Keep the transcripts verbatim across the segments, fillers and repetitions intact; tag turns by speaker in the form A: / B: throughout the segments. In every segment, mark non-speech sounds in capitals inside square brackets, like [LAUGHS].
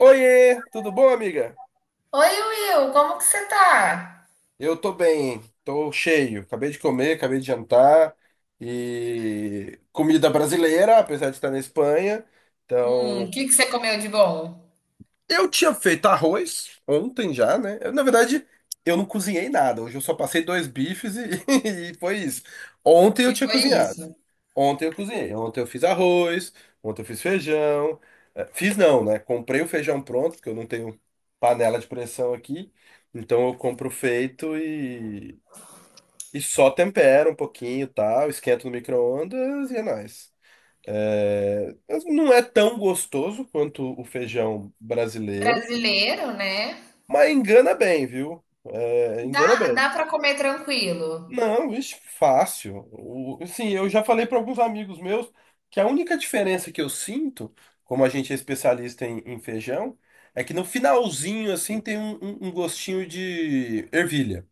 A: Oiê, tudo bom, amiga?
B: Oi, Will, como que você tá?
A: Eu tô bem, tô cheio. Acabei de comer, acabei de jantar e comida brasileira, apesar de estar na Espanha.
B: Hum, o
A: Então,
B: que que você comeu de bom?
A: eu tinha feito arroz ontem já, né? Eu, na verdade, eu não cozinhei nada. Hoje eu só passei dois bifes e, [LAUGHS] e foi isso. Ontem eu
B: E
A: tinha
B: foi
A: cozinhado.
B: isso.
A: Ontem eu cozinhei. Ontem eu fiz arroz, ontem eu fiz feijão. Eh, Fiz não, né? Comprei o feijão pronto, porque eu não tenho panela de pressão aqui. Então eu compro feito e, e só tempero um pouquinho, e tal, esquento no micro-ondas e é nóis. Eh, mas não é tão gostoso quanto o feijão brasileiro.
B: Brasileiro, né?
A: Mas engana bem, viu? É,
B: Dá,
A: engana bem.
B: dá para comer tranquilo.
A: Não, vixe, fácil. O, assim, eu já falei para alguns amigos meus que a única diferença que eu sinto, como a gente é especialista em, em feijão, é que no finalzinho, assim, tem um, um- um gostinho de ervilha.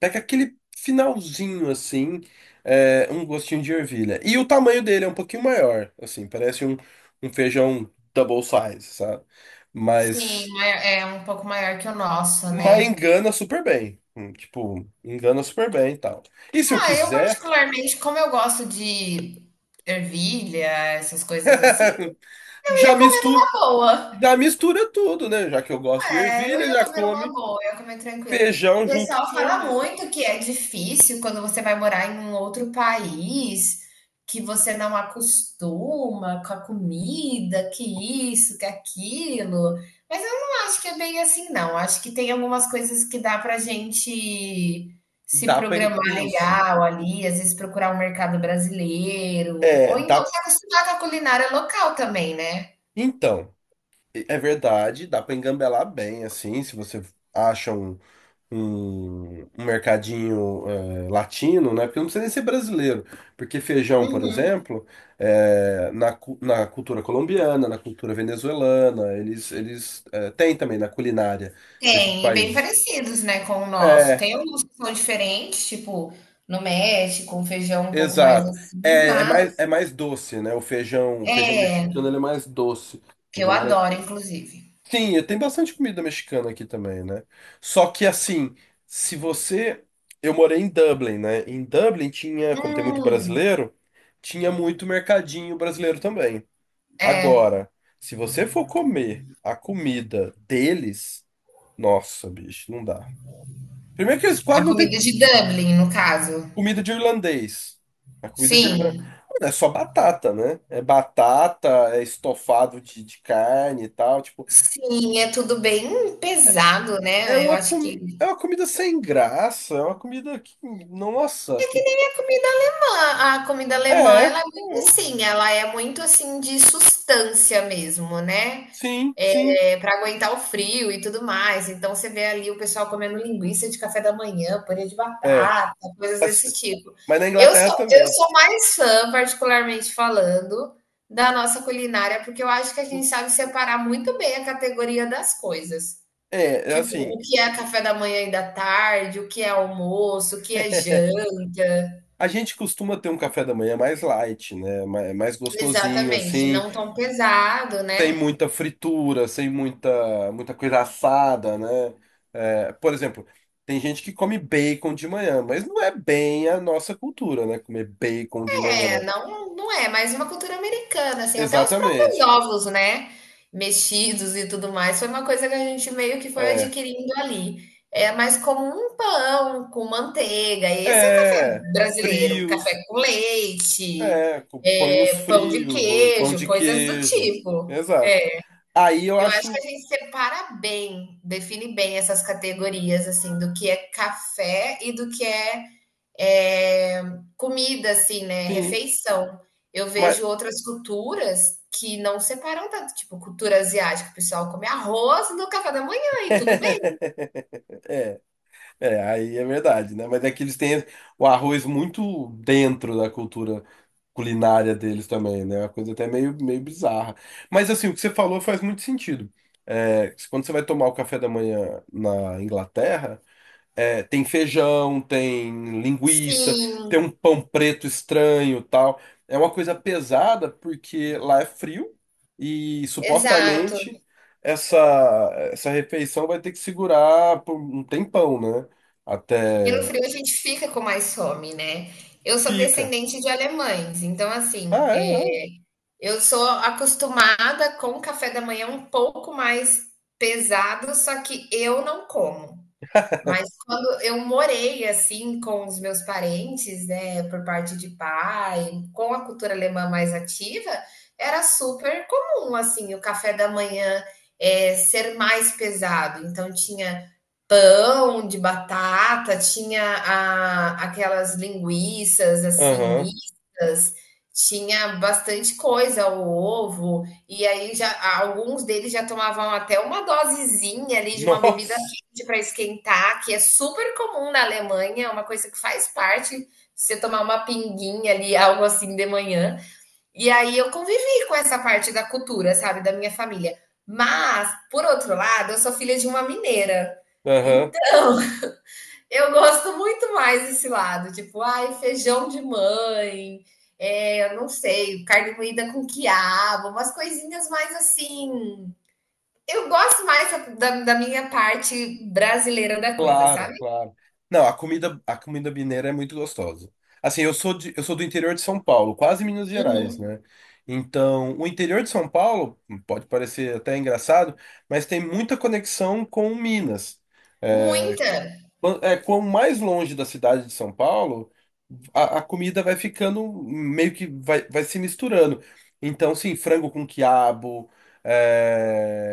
A: Pega aquele finalzinho, assim, é, um gostinho de ervilha. E o tamanho dele é um pouquinho maior, assim, parece um, um feijão double size, sabe?
B: Sim,
A: Mas.
B: ma- é um pouco maior que o nosso,
A: Mas
B: né?
A: engana super bem. Hum, Tipo, engana super bem e tal. E se eu
B: Ah, eu
A: quiser,
B: particularmente, como eu gosto de ervilha, essas coisas assim, eu
A: [LAUGHS] já
B: ia comer
A: mistura,
B: numa boa.
A: já mistura tudo, né? Já que eu gosto de
B: É, eu
A: ervilha,
B: ia
A: já
B: comer uma
A: come
B: boa, eu ia comer tranquilo. O
A: feijão junto
B: pessoal
A: com
B: fala
A: ervilha.
B: muito que é difícil quando você vai morar em um outro país, que você não acostuma com a comida, que isso, que aquilo. Mas eu não acho que é bem assim, não. Acho que tem algumas coisas que dá pra gente se
A: Dá pra... en-
B: programar
A: Isso.
B: legal ali, às vezes procurar um mercado brasileiro,
A: É,
B: ou então
A: dá...
B: se acostumar com a culinária local também, né?
A: Então, é verdade, dá pra engambelar bem, assim, se você acha um em um mercadinho eh, latino, né? Porque não precisa nem ser brasileiro, porque feijão, por exemplo, eh, na, cu- na cultura colombiana, na cultura venezuelana, eles, eles eh, têm também na culinária desses
B: Tem, e bem
A: países.
B: parecidos, né, com o nosso.
A: É,
B: Tem alguns que são diferentes, tipo, no México, um feijão um pouco mais
A: exato.
B: assim,
A: É, é mais,
B: mas
A: é mais doce, né? O feijão, o feijão
B: é,
A: mexicano, ele é mais doce. A
B: que eu
A: galera
B: adoro, inclusive.
A: sim, e tem bastante comida mexicana aqui também, né? Só que assim, se você. Eu morei em Dublin, né? Em Dublin tinha, como tem muito
B: Hum,
A: brasileiro, tinha muito mercadinho brasileiro também. Agora, se você for comer a comida deles, nossa, bicho, não dá. Primeiro que eles
B: a
A: quase não têm
B: comida de Dublin, no caso.
A: comida de irlandês. A comida de irlandês
B: Sim,
A: é só batata, né? É batata, é estofado de, de carne e tal. Tipo,
B: sim, é tudo bem pesado,
A: é
B: né? Eu
A: uma,
B: acho
A: com...
B: que
A: é uma comida sem graça, é uma comida que.
B: é
A: Nossa!
B: que nem a comida alemã. A comida alemã,
A: É, é.
B: ela é muito assim, ela é muito assim de substância mesmo, né?
A: Sim, sim.
B: É, para aguentar o frio e tudo mais. Então você vê ali o pessoal comendo linguiça de café da manhã, purê de
A: É.
B: batata, coisas
A: Mas
B: desse tipo.
A: mas na
B: Eu
A: Inglaterra
B: sou, eu
A: também.
B: sou mais fã, particularmente falando, da nossa culinária, porque eu acho que a gente sabe separar muito bem a categoria das coisas.
A: É, é
B: Tipo, o
A: assim.
B: que é café da manhã e da tarde, o que é almoço, o que é janta.
A: A gente costuma ter um café da manhã mais light, né? ma- é Mais gostosinho,
B: Exatamente,
A: assim.
B: não tão pesado,
A: Sem
B: né?
A: muita fritura, sem muita, muita coisa assada, né? É, por exemplo, tem gente que come bacon de manhã, mas não é bem a nossa cultura, né? Comer bacon de
B: É,
A: manhã.
B: não, não é, mas uma cultura americana, assim, até os próprios
A: Exatamente.
B: ovos, né, mexidos e tudo mais, foi uma coisa que a gente meio que foi
A: É.
B: adquirindo ali. É mais como um pão com manteiga, esse é o café
A: É,
B: brasileiro,
A: frios,
B: café com leite,
A: é, co- põe uns
B: é, pão de
A: frios, um pão
B: queijo,
A: de
B: coisas do
A: queijo.
B: tipo.
A: Exato.
B: É,
A: Aí eu
B: eu acho que
A: acho,
B: a gente separa bem, define bem essas categorias, assim, do que é café e do que é é, comida, assim, né,
A: sim,
B: refeição. Eu
A: mas
B: vejo outras culturas que não separam tanto, tipo, cultura asiática, o pessoal come arroz no café da manhã e tudo bem.
A: [LAUGHS] é, aí é verdade, né? Mas é que eles têm o arroz muito dentro da cultura culinária deles também, né? É uma coisa até meio, meio bizarra. Mas assim, o que você falou faz muito sentido. É, quando você vai tomar o café da manhã na Inglaterra, é, tem feijão, tem linguiça,
B: Sim,
A: tem um pão preto estranho, tal. É uma coisa pesada porque lá é frio e
B: exato.
A: supostamente essa essa refeição vai ter que segurar por um tempão, né?
B: E no
A: Até
B: frio a gente fica com mais fome, né? Eu sou
A: fica.
B: descendente de alemães, então assim,
A: Ah,
B: eh,
A: é?
B: eu sou acostumada com o café da manhã um pouco mais pesado, só que eu não como. Mas quando eu morei, assim, com os meus parentes, né, por parte de pai, com a cultura alemã mais ativa, era super comum, assim, o café da manhã, é ser mais pesado. Então tinha pão de batata, tinha a, aquelas linguiças assim
A: Aham.
B: mistas, tinha bastante coisa, o ovo, e aí já alguns deles já tomavam até uma dosezinha
A: [LAUGHS]
B: ali de uma bebida
A: Nossa.
B: quente para esquentar, que é super comum na Alemanha, é uma coisa que faz parte, você tomar uma pinguinha ali, algo assim de manhã. E aí eu convivi com essa parte da cultura, sabe, da minha família. Mas, por outro lado, eu sou filha de uma mineira.
A: Aham.
B: Então, [LAUGHS] eu gosto muito mais desse lado, tipo, ai, feijão de mãe, é, eu não sei, carne moída com quiabo, umas coisinhas mais assim. Eu gosto mais da, da- minha parte brasileira da coisa,
A: Claro,
B: sabe?
A: claro. Não, a comida, a comida mineira é muito gostosa. Assim, eu sou de, eu sou do interior de São Paulo, quase Minas Gerais,
B: Uhum.
A: né? Então, o interior de São Paulo pode parecer até engraçado, mas tem muita conexão com Minas. É,
B: Muita
A: Quan- É, quanto mais longe da cidade de São Paulo, a, a comida vai ficando meio que vai, vai se misturando. Então, sim, frango com quiabo,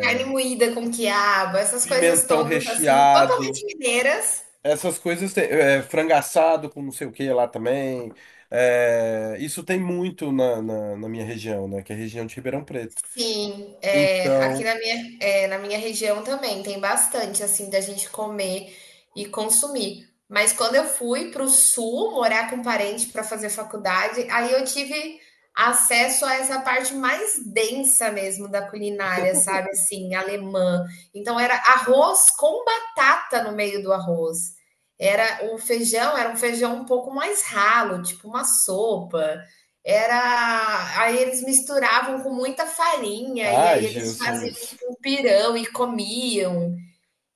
B: carne moída com quiabo, essas coisas
A: pimentão
B: todas assim,
A: recheado.
B: totalmente mineiras.
A: Essas coisas tem, é, frango assado com não sei o que lá também. É, isso tem muito na, na, na minha região, né? Que é a região de Ribeirão Preto.
B: Sim, é, aqui
A: Então,
B: na minha, é, na minha região também tem bastante assim da gente comer e consumir. Mas quando eu fui para o sul morar com parente para fazer faculdade, aí eu tive acesso a essa parte mais densa mesmo da culinária, sabe? Assim, alemã. Então era arroz com batata no meio do arroz. Era o feijão, era um feijão um pouco mais ralo, tipo uma sopa. Era, aí eles misturavam com muita farinha e
A: ai,
B: aí eles faziam
A: Jesus.
B: tipo um pirão e comiam.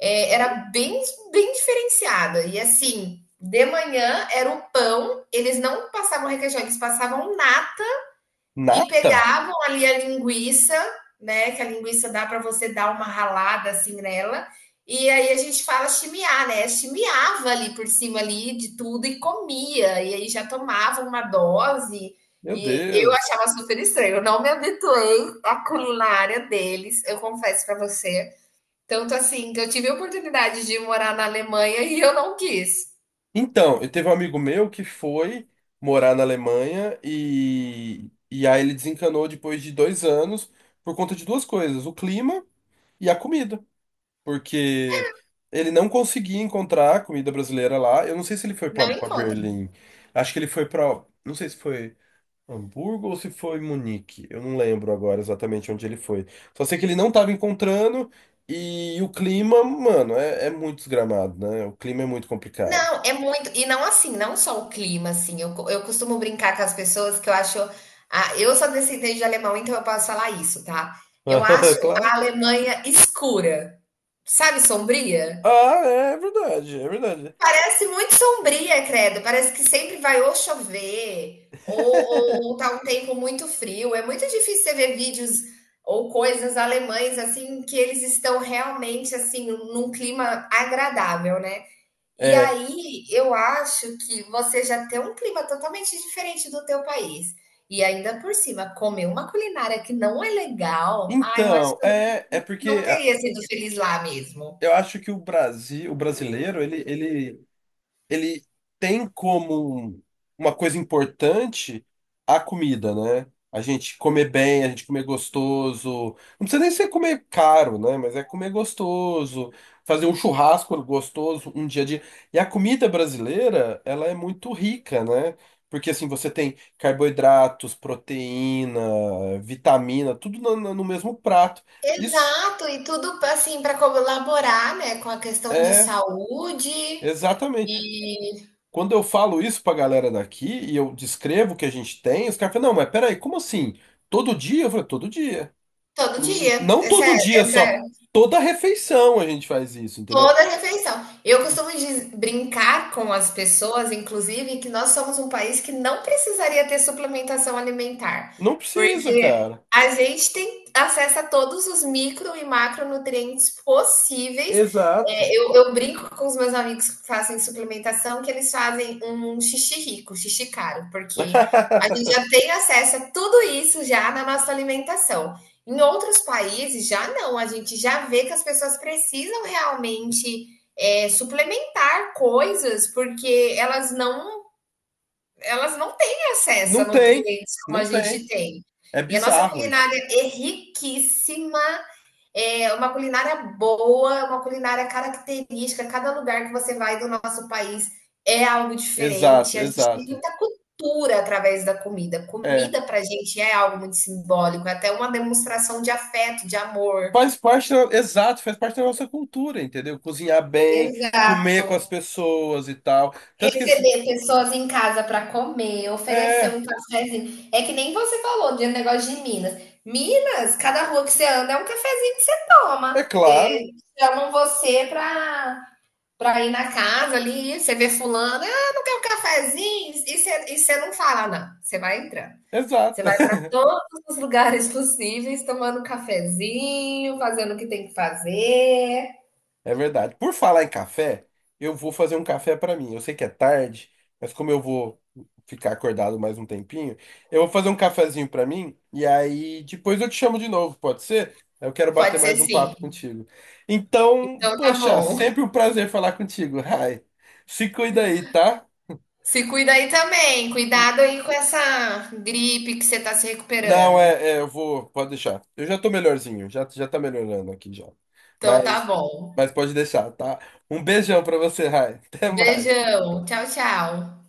B: É, era bem, bem diferenciada. E assim, de manhã era o pão, eles não passavam requeijão, eles passavam nata e
A: Nata?
B: pegavam ali a linguiça, né? Que a linguiça dá para você dar uma ralada assim nela. E aí a gente fala chimiar, né? Chimiava ali por cima ali de tudo e comia. E aí já tomava uma dose.
A: Meu
B: E eu
A: Deus.
B: achava super estranho. Eu não me habituei à culinária deles, eu confesso para você. Tanto assim que eu tive a oportunidade de morar na Alemanha e eu não quis.
A: Então, eu teve um amigo meu que foi morar na Alemanha e, e aí ele desencanou depois de dois anos por conta de duas coisas: o clima e a comida, porque ele não conseguia encontrar comida brasileira lá. Eu não sei se ele foi pra
B: Não
A: pra
B: encontro.
A: Berlim. Acho que ele foi pra, não sei se foi Hamburgo ou se foi Munique. Eu não lembro agora exatamente onde ele foi. Só sei que ele não estava encontrando e o clima, mano, é, é muito desgramado, né? O clima é muito complicado.
B: Não, é muito e não assim, não só o clima, assim, eu co eu costumo brincar com as pessoas que eu acho ah, eu sou descendente de alemão, então eu posso falar isso, tá. Eu acho
A: [LAUGHS]
B: a
A: Claro.
B: Alemanha escura, sabe, sombria?
A: Ah, é é verdade, é verdade.
B: Parece muito sombria, credo, parece que sempre vai ou chover ou
A: [LAUGHS]
B: ou tá um tempo muito frio, é muito difícil você ver vídeos ou coisas alemães, assim, que eles estão realmente, assim, num clima agradável, né. E
A: É.
B: aí, eu acho que você já tem um clima totalmente diferente do teu país. E ainda por cima, comer uma culinária que não é legal, ah, eu acho
A: Então,
B: que eu não
A: é, é
B: não
A: porque ah,
B: teria sido feliz lá mesmo.
A: eu acho que o Brasil, o brasileiro, ele, ele ele tem como um- uma coisa importante a comida, né? A gente comer bem, a gente comer gostoso. Não precisa nem ser comer caro, né? Mas é comer gostoso, fazer um churrasco gostoso, um dia a dia. E a comida brasileira, ela é muito rica, né? Porque assim, você tem carboidratos, proteína, vitamina, tudo no, no no mesmo prato. Isso
B: Exato, e tudo assim para colaborar, né, com a questão de
A: é
B: saúde
A: exatamente.
B: e
A: Quando eu falo isso pra galera daqui e eu descrevo o que a gente tem, os caras falam, não, mas peraí, como assim? Todo dia? Eu falei, todo dia.
B: todo
A: N-
B: dia.
A: Não
B: Essa,
A: todo dia só.
B: essa
A: Toda refeição a gente faz isso, entendeu?
B: toda a refeição. Eu costumo diz- brincar com as pessoas, inclusive, que nós somos um país que não precisaria ter suplementação alimentar,
A: Não precisa,
B: porque
A: cara.
B: a gente tem acesso a todos os micro e macronutrientes possíveis. É,
A: Exato.
B: eu, eu brinco com os meus amigos que fazem suplementação que eles fazem um um xixi rico, xixi caro, porque a gente
A: [LAUGHS]
B: já tem acesso a tudo isso já na nossa alimentação. Em outros países já não, a gente já vê que as pessoas precisam realmente é, suplementar coisas porque elas não elas não têm acesso a
A: Não tem,
B: nutrientes como a
A: não
B: gente
A: tem.
B: tem.
A: É
B: E a nossa
A: bizarro isso.
B: culinária é riquíssima, é uma culinária boa, uma culinária característica. Cada lugar que você vai do nosso país é algo
A: Exato,
B: diferente. A gente tem
A: exato.
B: muita cultura através da comida.
A: É.
B: Comida para a gente é algo muito simbólico, é até uma demonstração de afeto, de amor.
A: Faz parte, da- exato, faz parte da nossa cultura, entendeu? Cozinhar bem, comer com as
B: Exato.
A: pessoas e tal. Tanto que esse,
B: Receber pessoas em casa para comer, oferecer
A: é,
B: um cafezinho. É que nem você falou de um negócio de Minas. Minas, cada rua que você anda é um cafezinho que você
A: é
B: toma. E aí
A: claro,
B: eles chamam você para para ir na casa ali, você vê fulano, ah, não quer um cafezinho? E você, e você não fala, "Ah, não. Você vai entrando. Você
A: exato.
B: vai para todos os lugares possíveis, tomando um cafezinho, fazendo o que tem que fazer.
A: É verdade. Por falar em café, eu vou fazer um café pra mim. Eu sei que é tarde, mas como eu vou ficar acordado mais um tempinho, eu vou fazer um cafezinho pra mim e aí depois eu te chamo de novo, pode ser? Eu quero bater
B: Pode ser
A: mais um
B: sim.
A: papo contigo. Então,
B: Então tá
A: poxa,
B: bom.
A: sempre um prazer falar contigo. Rai, se cuida aí, tá?
B: Se cuida aí também. Cuidado aí com essa gripe que você tá se
A: Não,
B: recuperando.
A: é, é, eu vou, pode deixar. Eu já tô melhorzinho, já, já tá melhorando aqui já.
B: Então tá
A: Mas,
B: bom.
A: mas pode deixar, tá? Um beijão pra você, Rai. [LAUGHS] Até mais.
B: Beijão. Tchau, tchau.